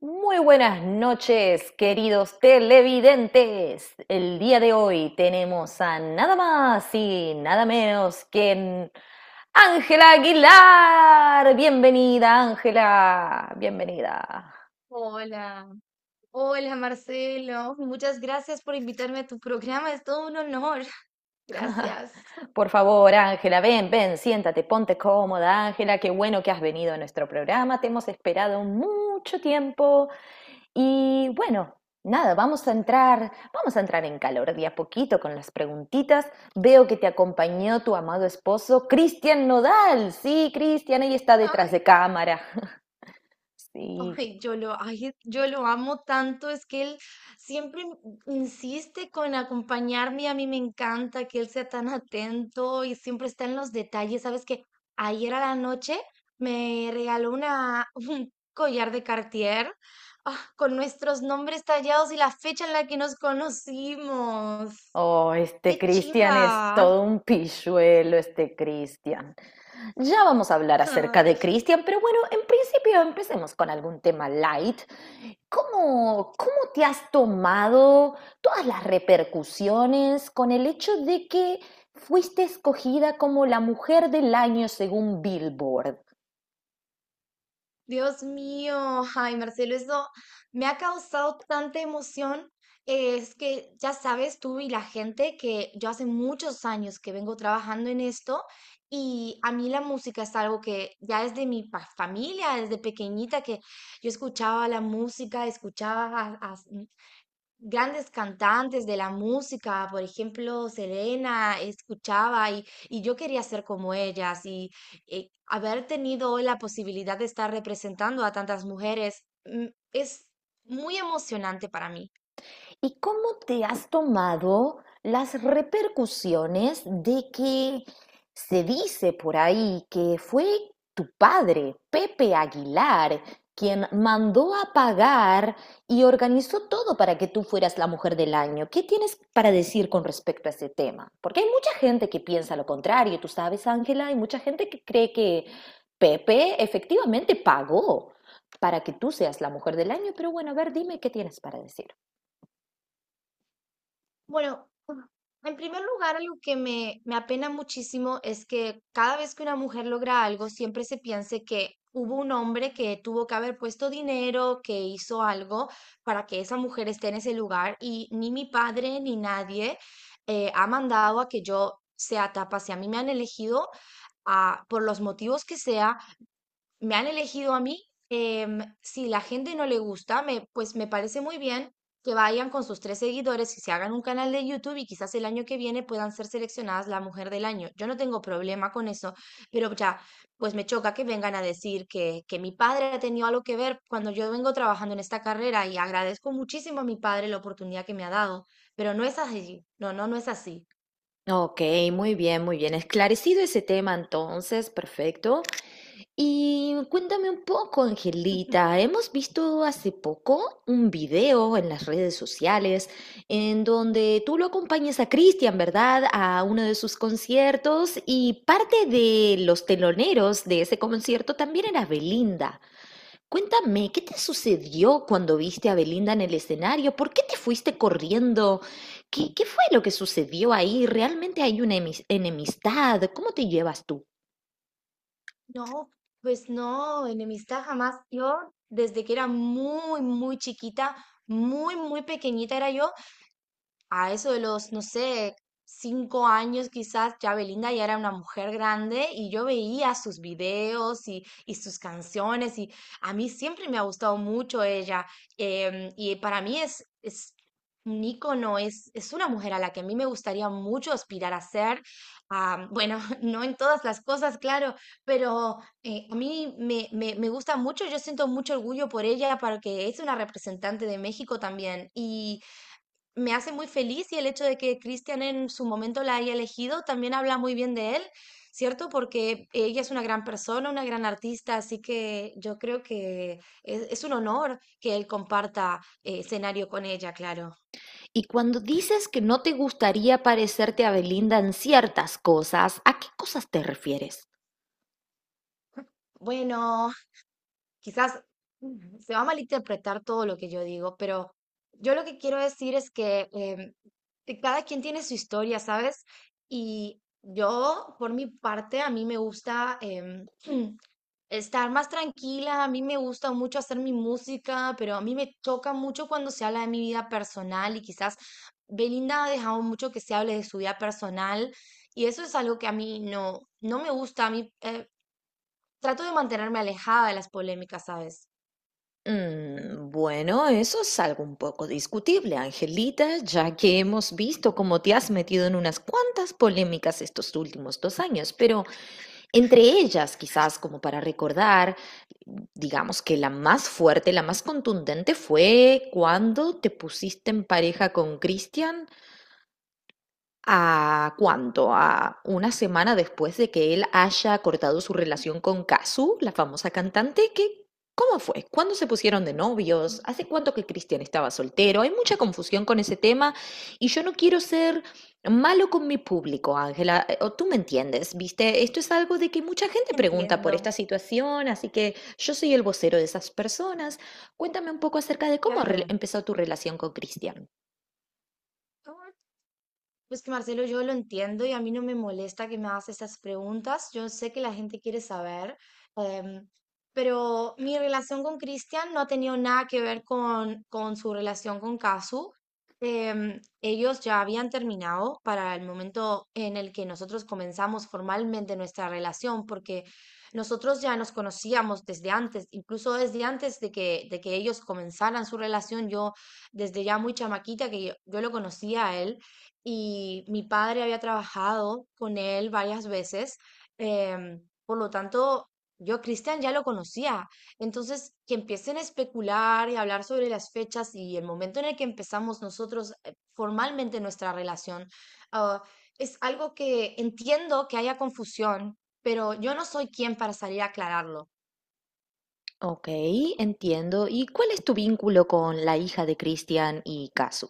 Muy buenas noches, queridos televidentes. El día de hoy tenemos a nada más y nada menos que Ángela Aguilar. Bienvenida, Ángela. Bienvenida. Hola, hola Marcelo, muchas gracias por invitarme a tu programa, es todo un honor. Gracias. Por favor, Ángela, ven, ven, siéntate, ponte cómoda, Ángela. Qué bueno que has venido a nuestro programa. Te hemos esperado mucho tiempo. Y bueno, nada, vamos a entrar en calor de a poquito con las preguntitas. Veo que te acompañó tu amado esposo, Cristian Nodal. Sí, Cristian, ahí está detrás Ay, de cámara. Sí. ay, yo lo amo tanto, es que él siempre insiste con acompañarme y a mí me encanta que él sea tan atento y siempre está en los detalles. Sabes que ayer a la noche un collar de Cartier, con nuestros nombres tallados y la fecha en la que nos conocimos. Oh, este ¡Qué Cristian es chimba! todo un pilluelo, este Cristian. Ya vamos a hablar acerca de Ay, Cristian, pero bueno, en principio empecemos con algún tema light. ¿Cómo, cómo te has tomado todas las repercusiones con el hecho de que fuiste escogida como la mujer del año según Billboard? Dios mío, ay Marcelo, eso me ha causado tanta emoción. Es que ya sabes tú y la gente que yo hace muchos años que vengo trabajando en esto y a mí la música es algo que ya desde mi familia, desde pequeñita que yo escuchaba la música, escuchaba a- a- grandes cantantes de la música, por ejemplo, Selena, escuchaba y yo quería ser como ellas y, haber tenido hoy la posibilidad de estar representando a tantas mujeres es muy emocionante para mí. ¿Y cómo te has tomado las repercusiones de que se dice por ahí que fue tu padre, Pepe Aguilar, quien mandó a pagar y organizó todo para que tú fueras la mujer del año? ¿Qué tienes para decir con respecto a ese tema? Porque hay mucha gente que piensa lo contrario, tú sabes, Ángela, hay mucha gente que cree que Pepe efectivamente pagó para que tú seas la mujer del año, pero bueno, a ver, dime qué tienes para decir. Bueno, en primer lugar, algo que me apena muchísimo es que cada vez que una mujer logra algo, siempre se piense que hubo un hombre que tuvo que haber puesto dinero, que hizo algo para que esa mujer esté en ese lugar y ni mi padre ni nadie ha mandado a que yo sea tapa. Si a mí me han elegido por los motivos que sea, me han elegido a mí. Si la gente no le gusta, pues me parece muy bien que vayan con sus tres seguidores y se hagan un canal de YouTube y quizás el año que viene puedan ser seleccionadas la mujer del año. Yo no tengo problema con eso, pero ya, pues me choca que vengan a decir que mi padre ha tenido algo que ver cuando yo vengo trabajando en esta carrera y agradezco muchísimo a mi padre la oportunidad que me ha dado, pero no es así. No, no, no es así. Ok, muy bien, muy bien. Esclarecido ese tema entonces, perfecto. Y cuéntame un poco, Angelita. Hemos visto hace poco un video en las redes sociales en donde tú lo acompañas a Cristian, ¿verdad? A uno de sus conciertos y parte de los teloneros de ese concierto también era Belinda. Cuéntame, ¿qué te sucedió cuando viste a Belinda en el escenario? ¿Por qué te fuiste corriendo? ¿Qué, qué fue lo que sucedió ahí? ¿Realmente hay una enemistad? ¿Cómo te llevas tú? No, pues no, enemistad jamás. Yo, desde que era muy, muy chiquita, muy, muy pequeñita era yo, a eso de los, no sé, cinco años quizás, ya Belinda ya era una mujer grande y yo veía sus videos y sus canciones y a mí siempre me ha gustado mucho ella. Y para mí es un ícono, es una mujer a la que a mí me gustaría mucho aspirar a ser. Ah, bueno, no en todas las cosas, claro, pero a mí me gusta mucho, yo siento mucho orgullo por ella, porque es una representante de México también. Y me hace muy feliz, y el hecho de que Cristian en su momento la haya elegido también habla muy bien de él, ¿cierto? Porque ella es una gran persona, una gran artista, así que yo creo que es un honor que él comparta escenario con ella, claro. Y cuando dices que no te gustaría parecerte a Belinda en ciertas cosas, ¿a qué cosas te refieres? Bueno, quizás se va a malinterpretar todo lo que yo digo, pero yo lo que quiero decir es que que cada quien tiene su historia, ¿sabes? Y yo, por mi parte, a mí me gusta estar más tranquila, a mí me gusta mucho hacer mi música, pero a mí me choca mucho cuando se habla de mi vida personal y quizás Belinda ha dejado mucho que se hable de su vida personal y eso es algo que a mí no, no me gusta, a mí trato de mantenerme alejada de las polémicas, ¿sabes? Bueno, eso es algo un poco discutible, Angelita, ya que hemos visto cómo te has metido en unas cuantas polémicas estos últimos dos años, pero entre ellas, quizás como para recordar, digamos que la más fuerte, la más contundente fue cuando te pusiste en pareja con Cristian. ¿A cuánto? ¿A una semana después de que él haya cortado su relación con Kazu, la famosa cantante? ¿Qué, cómo fue? ¿Cuándo se pusieron de novios? ¿Hace cuánto que Cristian estaba soltero? Hay mucha confusión con ese tema y yo no quiero ser malo con mi público, Ángela. O tú me entiendes, ¿viste? Esto es algo de que mucha gente pregunta por Entiendo, esta situación, así que yo soy el vocero de esas personas. Cuéntame un poco acerca de cómo claro. empezó tu relación con Cristian. Pues que Marcelo, yo lo entiendo y a mí no me molesta que me hagas esas preguntas. Yo sé que la gente quiere saber, em, pero mi relación con Cristian no ha tenido nada que ver con su relación con Casu. Ellos ya habían terminado para el momento en el que nosotros comenzamos formalmente nuestra relación, porque nosotros ya nos conocíamos desde antes, incluso desde antes de que ellos comenzaran su relación, yo desde ya muy chamaquita que yo lo conocía a él y mi padre había trabajado con él varias veces, por lo tanto, yo a Cristian ya lo conocía. Entonces, que empiecen a especular y a hablar sobre las fechas y el momento en el que empezamos nosotros formalmente nuestra relación, ah, es algo que entiendo que haya confusión, pero yo no soy quien para salir a aclararlo. Ok, entiendo. ¿Y cuál es tu vínculo con la hija de Christian y Kazu?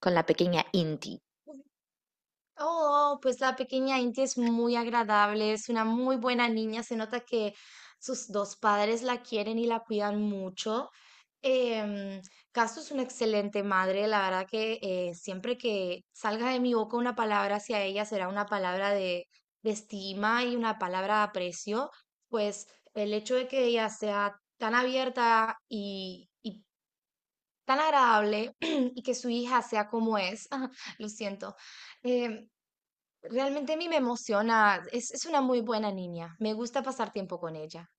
Con la pequeña Inti. Oh, pues la pequeña Inti es muy agradable, es una muy buena niña, se nota que sus dos padres la quieren y la cuidan mucho. Em, Casu es una excelente madre, la verdad que siempre que salga de mi boca una palabra hacia ella será una palabra de estima y una palabra de aprecio, pues el hecho de que ella sea tan abierta y tan agradable y que su hija sea como es, lo siento. Em, Realmente a mí me emociona, es una muy buena niña, me gusta pasar tiempo con ella.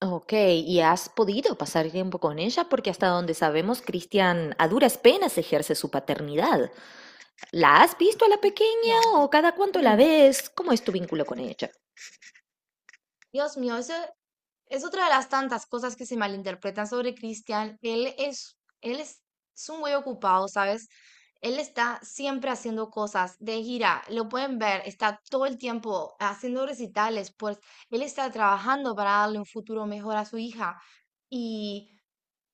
Ok, ¿y has podido pasar tiempo con ella? Porque hasta donde sabemos, Christian a duras penas ejerce su paternidad. ¿La has visto a la pequeña No, o cada cuánto la mm, ves? ¿Cómo es tu vínculo con ella? Dios mío, eso es otra de las tantas cosas que se malinterpretan sobre Cristian. Él es un muy ocupado, ¿sabes? Él está siempre haciendo cosas de gira, lo pueden ver, está todo el tiempo haciendo recitales, pues él está trabajando para darle un futuro mejor a su hija. Y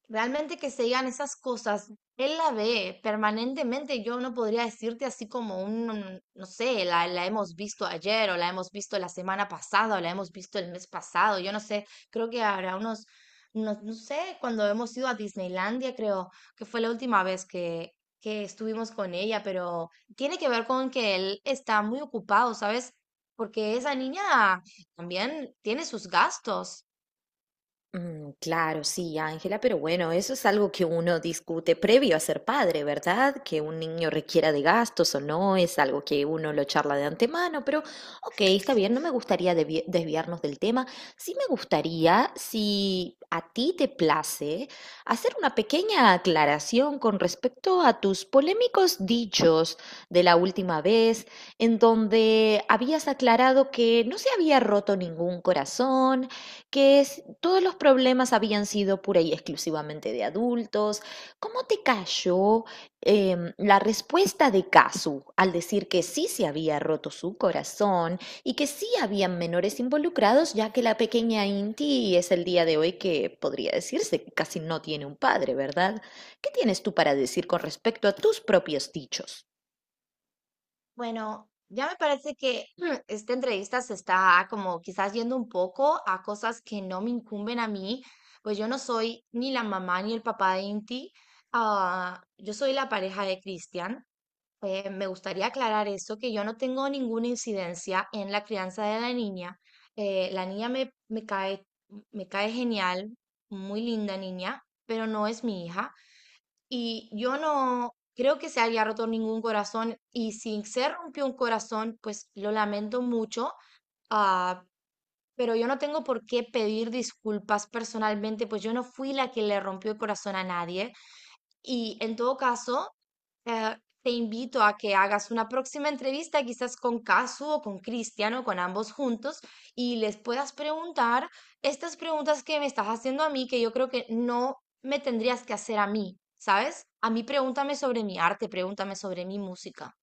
realmente que se digan esas cosas, él la ve permanentemente, yo no podría decirte así como un, no sé, la hemos visto ayer o la hemos visto la semana pasada o la hemos visto el mes pasado, yo no sé, creo que habrá unos, no, no sé, cuando hemos ido a Disneylandia, creo que fue la última vez que estuvimos con ella, pero tiene que ver con que él está muy ocupado, ¿sabes? Porque esa niña también tiene sus gastos. Mm, claro, sí, Ángela, pero bueno, eso es algo que uno discute previo a ser padre, ¿verdad? Que un niño requiera de gastos o no, es algo que uno lo charla de antemano, pero ok, está bien, no me gustaría desviarnos del tema. Sí me gustaría, si a ti te place, hacer una pequeña aclaración con respecto a tus polémicos dichos de la última vez, en donde habías aclarado que no se había roto ningún corazón, que todos los problemas habían sido pura y exclusivamente de adultos. ¿Cómo te cayó la respuesta de Kazu al decir que sí se había roto su corazón y que sí habían menores involucrados, ya que la pequeña Inti es el día de hoy que podría decirse que casi no tiene un padre, ¿verdad? ¿Qué tienes tú para decir con respecto a tus propios dichos? Bueno, ya me parece que esta entrevista se está como quizás yendo un poco a cosas que no me incumben a mí, pues yo no soy ni la mamá ni el papá de Inti, yo soy la pareja de Cristian. Me gustaría aclarar eso, que yo no tengo ninguna incidencia en la crianza de la niña. Eh, la niña me, me cae, me cae genial, muy linda niña, pero no es mi hija. Y yo no creo que se haya roto ningún corazón y si se rompió un corazón, pues lo lamento mucho, ah, pero yo no tengo por qué pedir disculpas personalmente, pues yo no fui la que le rompió el corazón a nadie. Y en todo caso, eh, te invito a que hagas una próxima entrevista, quizás con Casu o con Cristiano, con ambos juntos, y les puedas preguntar estas preguntas que me estás haciendo a mí, que yo creo que no me tendrías que hacer a mí, ¿sabes? A mí pregúntame sobre mi arte, pregúntame sobre mi música,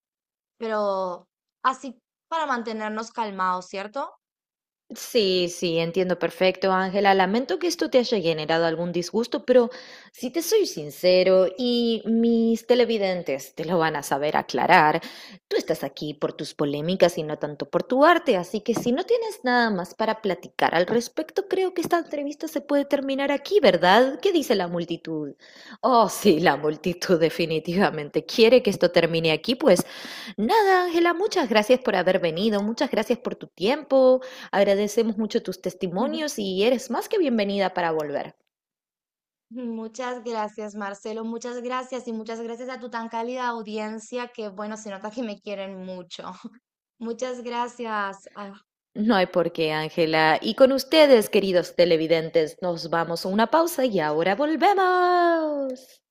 pero así para mantenernos calmados, ¿cierto? Sí, sí, entiendo perfecto, Ángela. Lamento que esto te haya generado algún disgusto, pero si te soy sincero, y mis televidentes te lo van a saber aclarar, tú estás aquí por tus polémicas y no tanto por tu arte, así que si no tienes nada más para platicar al respecto, creo que esta entrevista se puede terminar aquí, ¿verdad? ¿Qué dice la multitud? Oh, sí, la multitud definitivamente quiere que esto termine aquí, pues nada, Ángela, muchas gracias por haber venido, muchas gracias por tu tiempo. Agradecemos mucho tus testimonios y eres más que bienvenida para volver. Muchas gracias, Marcelo, muchas gracias y muchas gracias a tu tan cálida audiencia que, bueno, se nota que me quieren mucho. Muchas gracias. Ah, No hay por qué, Ángela. Y con ustedes, queridos televidentes, nos vamos a una pausa y ahora volvemos.